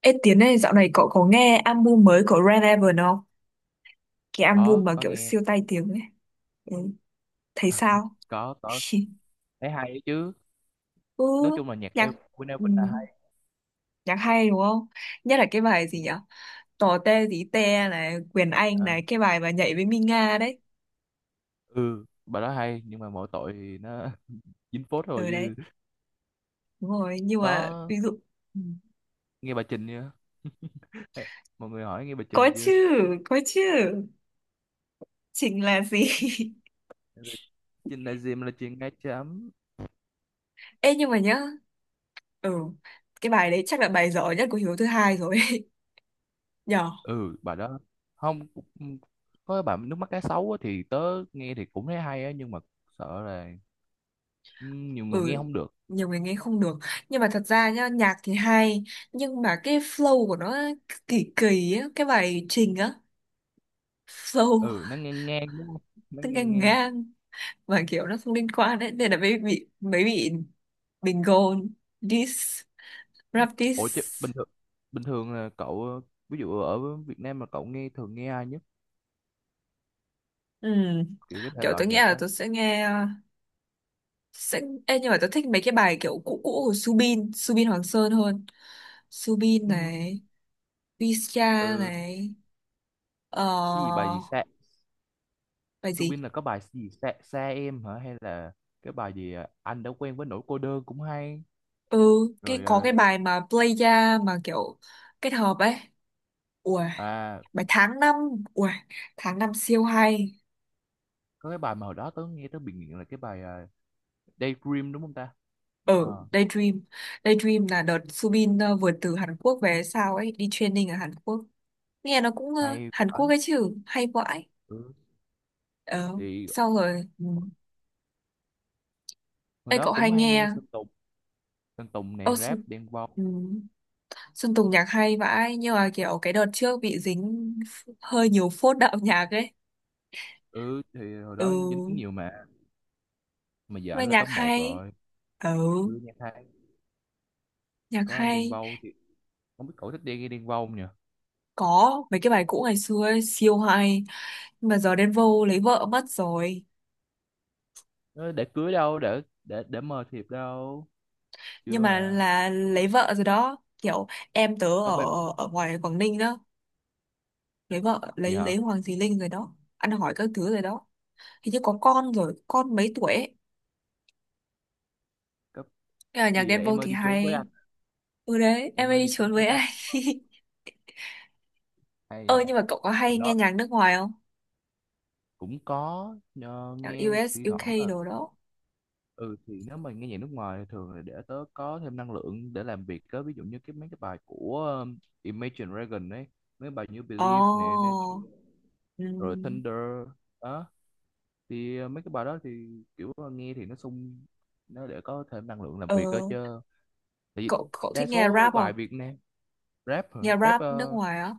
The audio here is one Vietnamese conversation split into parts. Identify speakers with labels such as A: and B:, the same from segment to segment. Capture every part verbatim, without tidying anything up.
A: Ê Tiến này dạo này cậu có nghe album mới của Red Evan không? Cái album
B: có
A: mà
B: có
A: kiểu
B: nghe.
A: siêu tai tiếng ấy. Ừ, thấy sao?
B: Có có Thấy hay ấy chứ.
A: Ừ,
B: Nói chung là nhạc của
A: nhạc
B: Queen
A: ừ,
B: Elvin là hay.
A: nhạc hay đúng không? Nhất là cái bài gì
B: Đúng
A: nhỉ?
B: rồi.
A: Tò te tí te này, Quyền Anh
B: Ờ,
A: này, cái bài mà nhảy với Minga đấy.
B: ừ bà đó hay nhưng mà mỗi tội thì nó dính phốt rồi
A: Ừ đấy,
B: chứ.
A: đúng rồi. Nhưng mà
B: Có
A: ví dụ ừ.
B: nghe bà Trình chưa? Mọi người hỏi nghe bà
A: Có
B: Trình chưa.
A: chứ, có chứ. Chính là gì?
B: Trình là gì mà là chuyện ngay chấm.
A: Ê nhưng mà nhá, ừ, cái bài đấy chắc là bài giỏi nhất của Hiếu thứ hai rồi. Nhở?
B: Ừ bà đó không cũng- có cái bạn nước mắt cá sấu á, thì tớ nghe thì cũng thấy hay á, nhưng mà sợ là, ừ, nhiều người nghe
A: Ừ,
B: không được.
A: nhiều người nghe không được, nhưng mà thật ra nhá nhạc thì hay, nhưng mà cái flow của nó kỳ kỳ á, cái bài trình á, flow
B: Ừ, nó ngang ngang đúng không, nó
A: nó
B: ngang
A: ngang
B: ngang.
A: ngang, mà kiểu nó không liên quan đấy, nên là mới bị mới bị bình gôn, diss, rap
B: Ủa
A: diss.
B: chứ bình thường, bình thường là cậu ờ, ví dụ ở Việt Nam mà cậu nghe thường nghe ai nhất,
A: Ừ.
B: kiểu cái thể
A: Kiểu
B: loại
A: tôi nghĩ
B: nhạc
A: là
B: á.
A: tôi sẽ nghe, sẽ. Ê, nhưng mà tôi thích mấy cái bài kiểu cũ cũ của Subin Subin Hoàng Sơn hơn. Subin
B: Ừ,
A: này, Visa
B: ừ,
A: này, ờ
B: cái gì bài gì xa.
A: bài
B: Subin
A: gì.
B: là có bài gì xa, xa em hả, hay là cái bài gì ờ, anh đã quen với nỗi cô đơn cũng hay.
A: Ừ, cái
B: rồi
A: có
B: ờ,
A: cái bài mà playa, mà kiểu kết hợp ấy, ui,
B: à
A: bài tháng năm, ui, tháng năm siêu hay.
B: có cái bài mà hồi đó tớ nghe tớ bị nghiện là cái bài ờ, Daydream đúng không ta.
A: Ở
B: Ờ,
A: Daydream, Daydream là đợt Subin ờ, vừa từ Hàn Quốc về sao ấy, đi training ở Hàn Quốc. Nghe nó cũng ờ,
B: hay
A: Hàn
B: vãi.
A: Quốc ấy chứ, hay vãi.
B: Ừ.
A: Ờ
B: Thì
A: sau rồi ừ.
B: hồi
A: Ê
B: đó
A: cậu hay
B: cũng hay nghe
A: nghe.
B: Sơn Tùng, Sơn Tùng này,
A: Ô, Xuân,
B: rap Đen Vâu.
A: ừ. Xuân Tùng nhạc hay vãi, nhưng mà kiểu cái đợt trước bị dính hơi nhiều phốt đạo nhạc ấy.
B: Ừ thì hồi đó
A: Ừ
B: dính nhiều mà mà giờ
A: mà
B: ảnh là
A: nhạc
B: top một
A: hay.
B: rồi.
A: Ừ,
B: Ừ, nhạc hay.
A: nhạc
B: Có anh Đen
A: hay.
B: Vâu thì không biết cậu thích đi nghe Đen Vâu không nhỉ.
A: Có mấy cái bài cũ ngày xưa ấy, siêu hay. Nhưng mà giờ đến vô lấy vợ mất rồi.
B: Ờ, để cưới đâu để để để mời thiệp đâu
A: Nhưng
B: chưa
A: mà
B: mà.
A: là lấy vợ rồi đó. Kiểu em tớ
B: Có
A: ở
B: bài
A: ở ngoài Quảng Ninh đó. Lấy vợ,
B: gì
A: lấy
B: hả?
A: lấy Hoàng Thùy Linh rồi đó. Ăn hỏi các thứ rồi đó. Hình như có con rồi, con mấy tuổi ấy.
B: Có
A: Nhưng mà nhạc
B: gì
A: Đen Vâu
B: em ơi
A: thì
B: đi trốn với
A: hay.
B: anh,
A: Ừ đấy, em
B: em
A: ấy
B: ơi
A: đi
B: đi trốn
A: trốn
B: với
A: với
B: anh,
A: anh.
B: hay
A: Ơ
B: nhờ.
A: nhưng mà cậu có
B: Hồi
A: hay nghe
B: đó
A: nhạc nước ngoài không?
B: cũng có nhờ,
A: Nhạc
B: nghe
A: u ét,
B: thi thoảng
A: u ca
B: là.
A: đồ đó.
B: Ừ thì nếu mà nghe nhạc nước ngoài thì thường là để tớ có thêm năng lượng để làm việc đó, ví dụ như cái mấy cái bài của um, Imagine Dragon ấy, mấy bài như Believe nè, Natural,
A: Ồ. Ừ.
B: rồi Thunder đó. thì ờ, mấy cái bài đó thì kiểu ờ, nghe thì nó sung, nó để có thêm năng lượng làm
A: Ờ,
B: việc đó chứ, tại vì
A: cậu cậu
B: đa
A: thích nghe
B: số
A: rap
B: bài
A: không?
B: Việt Nam. Rap hả?
A: Nghe
B: rap
A: rap nước
B: ờ,
A: ngoài á.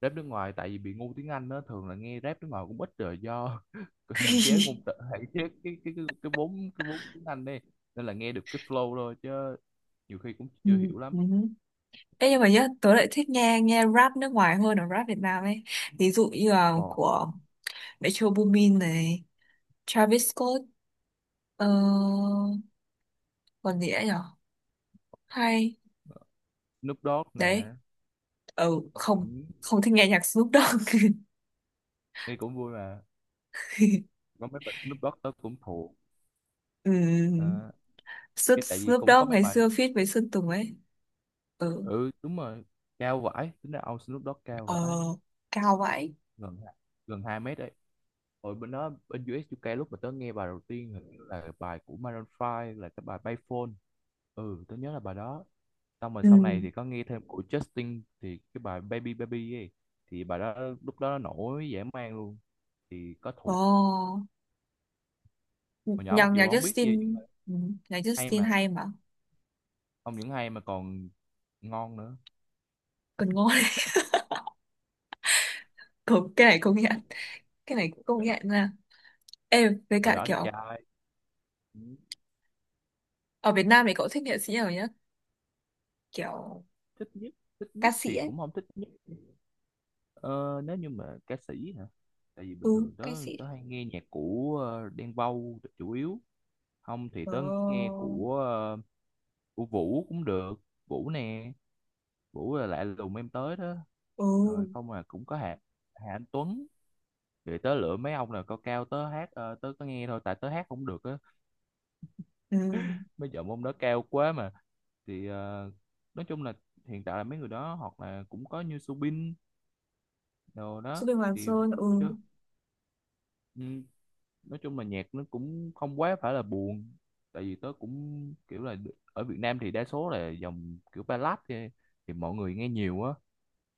B: rap nước ngoài tại vì bị ngu tiếng Anh đó, thường là nghe rap nước ngoài cũng ít rồi do hạn chế ngôn từ, hạn chế cái cái cái cái vốn, cái vốn tiếng Anh đi, nên là nghe được cái flow thôi chứ nhiều khi cũng
A: Ừ,
B: chưa hiểu
A: ừ.
B: lắm.
A: Ê, nhưng mà nhá, tớ lại thích nghe nghe rap nước ngoài hơn là rap Việt Nam ấy. Ví dụ như là
B: Ồ.
A: của Metro Boomin này, Travis Scott, ờ, còn gì nữa nhở? Hay,
B: Snoop Dogg
A: đấy,
B: nè.
A: ừ,
B: Ừ,
A: không, không thích nghe nhạc Snoop Dogg.
B: nghe cũng vui mà. Có mấy bài Snoop Dogg tớ cũng thuộc.
A: Ừ.
B: Ờ,
A: Snoop,
B: cái tại vì
A: Snoop
B: cũng có
A: Dogg
B: mấy
A: ngày
B: bài.
A: xưa feat với Sơn Tùng ấy. Ừ,
B: Ừ đúng rồi, cao vãi, tính ra ông Snoop Dogg cao vãi,
A: ờ, cao vậy.
B: gần gần hai mét đấy. Rồi bên đó bên u ét u ca lúc mà tớ nghe bài đầu tiên hình như là bài của Maroon Five là cái bài Payphone. Ừ tớ nhớ là bài đó. Xong rồi
A: Ừ,
B: sau này thì có nghe thêm của Justin thì cái bài Baby Baby ấy, thì bài đó lúc đó nó nổi dã man luôn, thì có thuộc
A: ồ,
B: hồi nhỏ
A: nhạc,
B: mặc
A: nhạc
B: dù không biết gì nhưng
A: Justin,
B: mà
A: ừ, nhạc
B: hay
A: Justin
B: mà.
A: hay mà,
B: Không những hay mà còn ngon nữa.
A: còn ngon. Công, cái này công nhận, cái này cũng công nhận nha. Em với
B: Hồi
A: cả
B: đó đẹp
A: kiểu
B: trai. Ừ,
A: ở Việt Nam thì cậu thích nghệ sĩ nào nhá, kiểu
B: thích nhất, thích
A: ca
B: nhất
A: sĩ
B: thì
A: ấy.
B: cũng không thích nhất. Ờ, nếu như mà ca sĩ hả? Tại vì bình
A: Ừ,
B: thường tớ
A: ca sĩ.
B: tớ hay nghe nhạc của ờ, Đen Vâu chủ yếu. Không thì tớ nghe
A: Ờ,
B: của ờ, của Vũ cũng được. Vũ nè, Vũ là lạ lùng em tới đó.
A: ừ,
B: Rồi không mà cũng có Hà Hà Anh Tuấn. Rồi tớ lựa mấy ông là cao cao, tớ hát ờ, tớ có nghe thôi tại tớ hát không được á.
A: ừ,
B: Mấy giọng ông đó cao quá mà. Thì ờ, nói chung là hiện tại là mấy người đó hoặc là cũng có như Subin đồ
A: Su
B: đó
A: Bình Hoàng
B: thì
A: Sơn, ừ,
B: chứ. Ừ, nói chung là nhạc nó cũng không quá phải là buồn, tại vì tớ cũng kiểu là, ở Việt Nam thì đa số là dòng kiểu ballad thì, thì mọi người nghe nhiều á,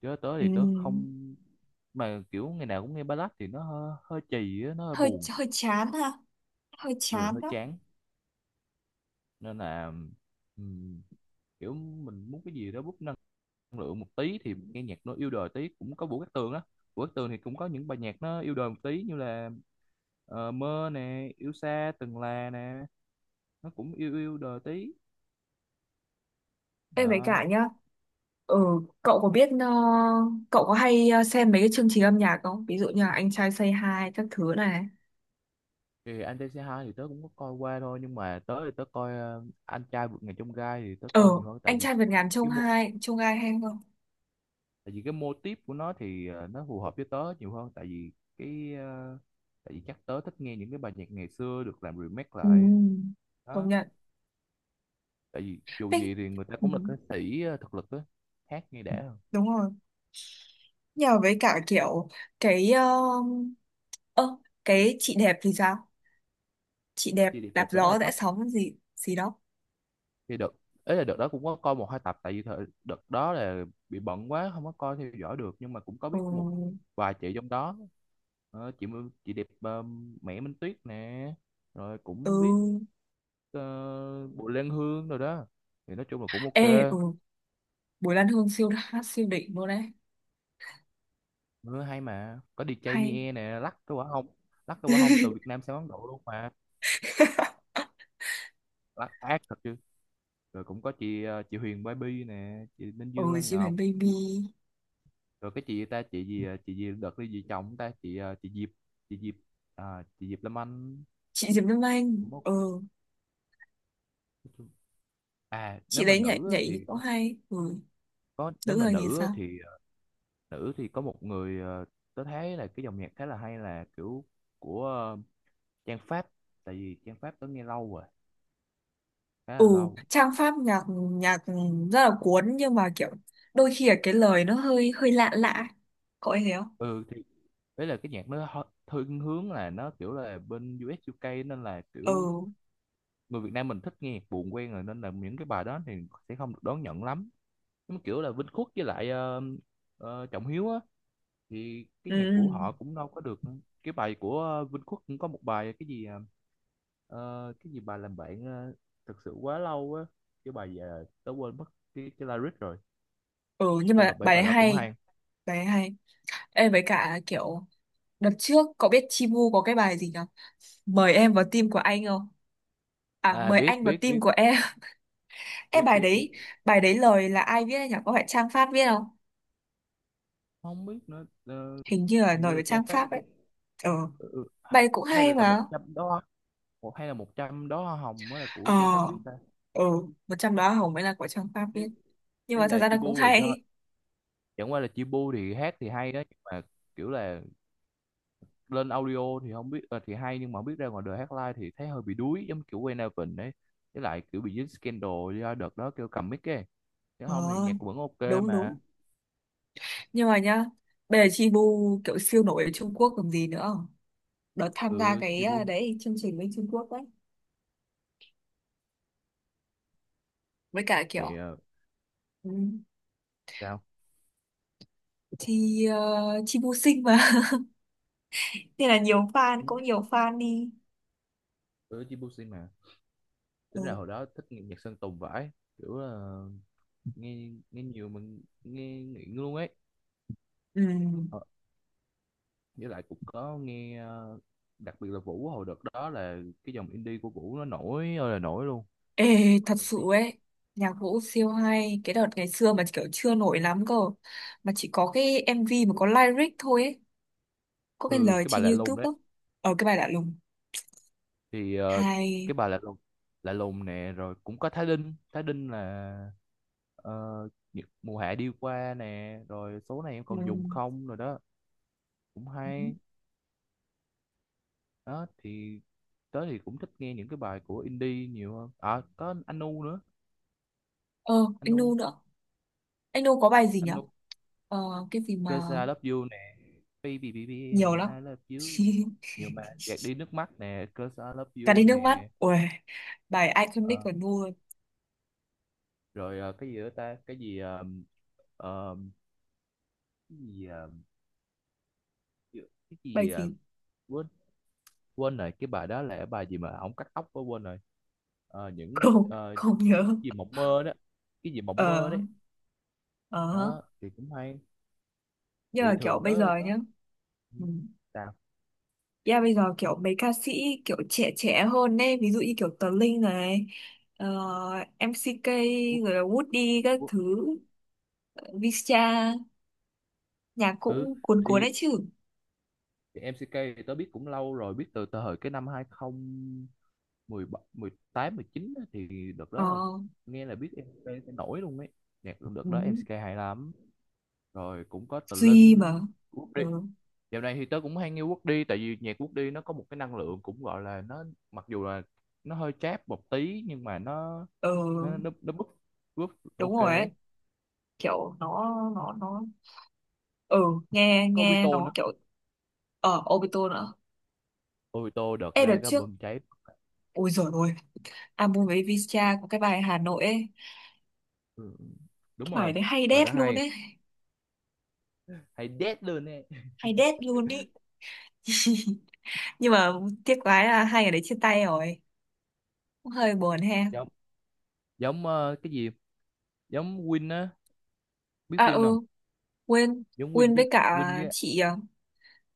B: chứ tớ thì tớ
A: ừ,
B: không, mà kiểu ngày nào cũng nghe ballad thì nó hơi, hơi chì á, nó hơi
A: hơi
B: buồn.
A: hơi chán ha, hơi
B: Ừ
A: chán
B: hơi
A: đó.
B: chán, nên là ừm, kiểu mình muốn cái gì đó bút năng lượng một tí thì nghe nhạc nó yêu đời tí, cũng có Vũ Cát Tường á. Vũ Cát Tường thì cũng có những bài nhạc nó yêu đời một tí như là ờ, mơ nè, yêu xa từng là nè, nó cũng yêu yêu đời tí
A: Em với
B: đó
A: cả nhá, ừ, cậu có biết ờ, cậu có hay ờ, xem mấy cái chương trình âm nhạc không, ví dụ như là Anh Trai Say Hi các thứ này.
B: thì. Anh trai C hai thì tớ cũng có coi qua thôi nhưng mà tớ thì tớ coi ờ, anh trai vượt ngàn chông gai thì tớ
A: Ờ,
B: coi nhiều hơn, tại
A: Anh
B: vì
A: Trai Vượt Ngàn Chông
B: cái mô,
A: Hai Chông Hai hay không.
B: tại vì cái mô típ của nó thì ờ, nó phù hợp với tớ nhiều hơn, tại vì cái ờ, tại vì chắc tớ thích nghe những cái bài nhạc ngày xưa được làm remake lại
A: Ừ, công
B: đó,
A: nhận.
B: tại vì dù
A: Ê,
B: gì thì người ta
A: ừ.
B: cũng là ca sĩ ờ, thực lực á, hát nghe đã hơn.
A: Đúng rồi, nhờ với cả kiểu cái um, ơ, cái chị đẹp thì sao, chị đẹp
B: Chi đẹp
A: đạp
B: đẹp đó là
A: gió rẽ
B: sắp
A: sóng gì gì đó.
B: thì đợt ấy là, đợt đó cũng có coi một hai tập, tại vì thời, đợt đó là bị bận quá không có coi theo dõi được nhưng mà cũng có biết một
A: Ừ,
B: vài chị trong đó. Ờ, chị Mưu- chị đẹp ờ, Mẹ Minh Tuyết nè, rồi cũng biết
A: ừ,
B: uh, Bùi Lan Hương rồi đó, thì nói chung là cũng
A: ê,
B: ok.
A: ừ, Bùi Lan Hương siêu hát siêu đỉnh luôn đấy.
B: Ừ, hay mà có đi DJ
A: Hay.
B: Mie nè, lắc cái quả hông, lắc cái quả hông từ Việt Nam sang Ấn Độ luôn mà, lắc ác thật chứ. Rồi cũng có chị ờ, chị Huyền Baby nè, chị Minh
A: Ừ,
B: Dương Lan
A: chị Huyền
B: Ngọc,
A: Baby,
B: rồi cái chị ta, chị gì chị gì đợt cái gì chồng ta, chị ờ, chị Diệp, chị Diệp, à, chị Diệp Lâm Anh
A: chị Diệp Lâm Anh,
B: đúng không.
A: ừ,
B: Nói chung- À nếu
A: chị
B: mà
A: đấy nhảy
B: nữ á
A: nhảy thì
B: thì
A: cũng hay, ừ,
B: có, nếu
A: nữ
B: mà
A: thời nhìn
B: nữ á
A: sao.
B: thì ờ, nữ thì có một người ờ, tớ thấy là cái dòng nhạc khá là hay là kiểu của ờ, Trang Pháp, tại vì Trang Pháp tớ nghe lâu rồi, khá là
A: Ừ,
B: lâu.
A: trang pháp nhạc, nhạc rất là cuốn, nhưng mà kiểu đôi khi là cái lời nó hơi hơi lạ lạ, có ai thấy thế không.
B: Ừ thì đấy là cái nhạc nó hơi- thiên hướng là nó kiểu là bên u ét u ca nên là kiểu
A: Ừ.
B: người Việt Nam mình thích nghe nhạc buồn quen rồi nên là những cái bài đó thì sẽ không được đón nhận lắm, nhưng mà kiểu là Vinh Khuất với lại ờ, ờ, Trọng Hiếu á thì cái nhạc của
A: Ừ.
B: họ cũng đâu có được. Cái bài của ờ, Vinh Khuất cũng có một bài cái gì ờ, ờ, cái gì bài làm bạn ờ, thật sự quá lâu á, cái bài giờ tớ quên mất cái cái lyric rồi.
A: Ừ nhưng
B: Chung
A: mà
B: là mấy
A: bài ấy
B: bài đó cũng
A: hay.
B: hay.
A: Bài ấy hay. Ê với cả kiểu đợt trước cậu biết Chibu có cái bài gì nhở, mời em vào team của anh không, à
B: À
A: mời
B: biết
A: anh vào
B: biết
A: team
B: biết
A: của em. Ê
B: biết
A: bài
B: biết biết
A: đấy. Bài đấy lời là ai viết ấy nhở? Có phải Trang Pháp viết không?
B: Không biết nữa. Ờ,
A: Hình như là
B: hình
A: lời
B: như là
A: của
B: Trang
A: Trang
B: Pháp.
A: Pháp ấy. Ừ,
B: Ừ, ừ. Hay,
A: bài cũng
B: hay
A: hay
B: là một
A: mà.
B: trăm đó, hay là một trăm đó, hồng mới là của
A: Ờ,
B: Trang Pháp viết ta.
A: ừ, một trong đó Hồng mới là của Trang Pháp
B: Ý,
A: viết. Nhưng
B: ý
A: mà thật
B: là
A: ra nó cũng
B: Chibu rồi do,
A: hay.
B: chẳng qua là Chibu thì hát thì hay đó nhưng mà kiểu là lên audio thì không biết ờ, thì hay nhưng mà không biết ra ngoài đời hát live thì thấy hơi bị đuối, giống kiểu Wayne Alvin ấy, với lại kiểu bị dính scandal do đợt đó kêu cầm mic ấy, chứ
A: Ờ
B: không thì nhạc vẫn ok
A: đúng
B: mà.
A: đúng. Nhưng mà nhá, bây giờ Chibu kiểu siêu nổi ở Trung Quốc còn gì nữa, đợt tham gia
B: Ừ
A: cái
B: Chibu
A: ờ, đấy, chương trình bên Trung Quốc đấy. Với cả kiểu
B: thì ờ,
A: ừ,
B: sao.
A: thì uh, chi vô sinh mà. Nên là nhiều fan, cũng nhiều fan đi.
B: Ừ Chibu xin mà. Tính ra
A: Ừ.
B: hồi đó thích nghe nhạc Sơn Tùng vãi, kiểu là nghe nghe nhiều, mình nghe nghiện luôn ấy.
A: Ừ.
B: Ờ, với lại cũng có nghe ờ, đặc biệt là Vũ, hồi đợt đó là cái dòng indie của Vũ nó nổi ơi là nổi luôn
A: Ê, thật
B: ở
A: sự
B: Mỹ.
A: ấy, nhạc vũ siêu hay cái đợt ngày xưa mà kiểu chưa nổi lắm cơ, mà chỉ có cái em vê mà có lyric thôi ấy, có cái
B: Ừ
A: lời
B: cái bà
A: trên
B: lạ lùng
A: YouTube
B: đấy.
A: đó. Ở cái bài lạ lùng,
B: Thì ờ, cái
A: hay,
B: bà lạ lùng, lạ lùng nè, rồi cũng có Thái Linh, Thái Linh là ờ, những mùa hạ đi qua nè, rồi số này em
A: ừ.
B: còn dùng không rồi đó, cũng hay đó thì. Tớ thì cũng thích nghe những cái bài của indie nhiều hơn. À có Anu nữa,
A: Ờ anh Nu
B: Anu,
A: nữa, anh Nu có bài gì nhở?
B: Anu,
A: Ờ cái gì mà
B: Cause I love you nè, baby baby
A: nhiều lắm.
B: I love you, nhiều bài gạt đi nước mắt nè, Cause I love
A: Cả
B: you
A: đi nước mắt,
B: nè.
A: ui, bài iconic
B: Ờ,
A: của Nu.
B: rồi ờ, cái gì nữa ta, cái gì uh, cái gì à, cái
A: Bài
B: gì à,
A: gì.
B: quên, quên rồi cái bài đó là cái bài gì mà ổng cắt tóc quá quên rồi. Ờ, những
A: Không
B: ờ, cái
A: không nhớ.
B: gì mộng mơ đó, cái gì mộng mơ
A: Ờ,
B: đấy
A: ờ,
B: đó thì cũng hay.
A: nhưng
B: Thì
A: mà kiểu
B: thường
A: bây giờ
B: tớ tớ
A: nhá.
B: ừ,
A: Ừ.
B: sao.
A: Yeah, bây giờ kiểu mấy ca sĩ kiểu trẻ trẻ hơn ấy, ví dụ như kiểu Tờ Linh này, ờ, em xê ca,
B: Quốc-
A: rồi là Woody các
B: quốc-
A: thứ, visa, nhạc
B: ừ
A: cũng cuốn cuốn
B: thì,
A: đấy chứ.
B: thì em xê ca thì tớ biết cũng lâu rồi, biết từ từ thời cái năm hai không một bảy mười tám mười chín á, thì đợt
A: Ờ.
B: đó là, nghe là biết em xê ca sẽ nổi luôn ấy, nhạc đợt
A: Ừ.
B: đó em xê ca hay lắm. Rồi cũng có Tờ
A: Duy
B: Linh,
A: mà.
B: Quốc Đi.
A: Ừ.
B: Dạo này thì tớ cũng hay nghe Woody, tại vì nhạc Woody nó có một cái năng lượng cũng gọi là nó, mặc dù là nó hơi chát một tí nhưng mà nó
A: Ờ
B: nó nó nó búp, búp
A: đúng
B: ok
A: rồi
B: đấy.
A: ấy, kiểu nó nó nó ừ, nghe
B: Có
A: nghe
B: Obito
A: nó
B: nữa.
A: kiểu ở Obito nữa.
B: Obito đợt
A: Ê
B: ra
A: đợt
B: cái
A: trước,
B: bơm cháy.
A: ôi giời ơi, album với Visca có cái bài Hà Nội ấy.
B: Ừ, đúng
A: Bài
B: rồi.
A: đấy hay
B: Bà đã
A: đét luôn
B: hay,
A: ấy.
B: hay đét luôn nè.
A: Hay đét luôn ý. Nhưng mà tiếc quá là hai người đấy chia tay rồi. Cũng hơi buồn ha.
B: Giống, giống ờ, cái gì? Giống Win á, biết
A: À
B: Win không?
A: ừ quên.
B: Giống Win
A: Quên
B: với,
A: với cả
B: Win với
A: chị à,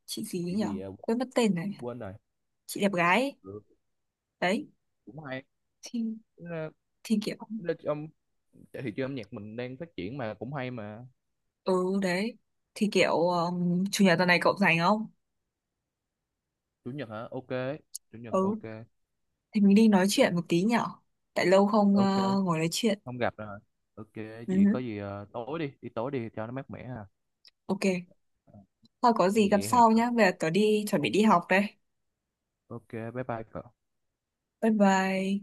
A: chị gì ấy
B: cái
A: nhỉ,
B: gì ờ,
A: quên mất tên này.
B: quên rồi.
A: Chị đẹp gái ấy.
B: Ừ,
A: Đấy.
B: cũng hay.
A: Thì,
B: Ờ,
A: thì kiểu.
B: nó- Trong thị trường âm nhạc mình đang phát triển mà cũng hay mà.
A: Ừ đấy. Thì kiểu um, Chủ nhật tuần này cậu rảnh không?
B: Chủ nhật hả? Ok. Chủ nhật
A: Ừ.
B: ok,
A: Thì mình đi nói chuyện một tí nhở? Tại lâu không ờ,
B: ok,
A: ngồi nói chuyện.
B: không gặp rồi, ok. Vậy có
A: Ừ,
B: gì ờ, tối đi, đi tối đi cho nó mát mẻ à.
A: ok. Thôi có
B: Cái
A: gì gặp
B: gì hẹn
A: sau
B: cậu.
A: nhá. Bây giờ tớ đi chuẩn bị đi học đây.
B: Ok bye bye cậu.
A: Bye bye.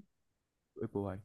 B: Bye bye.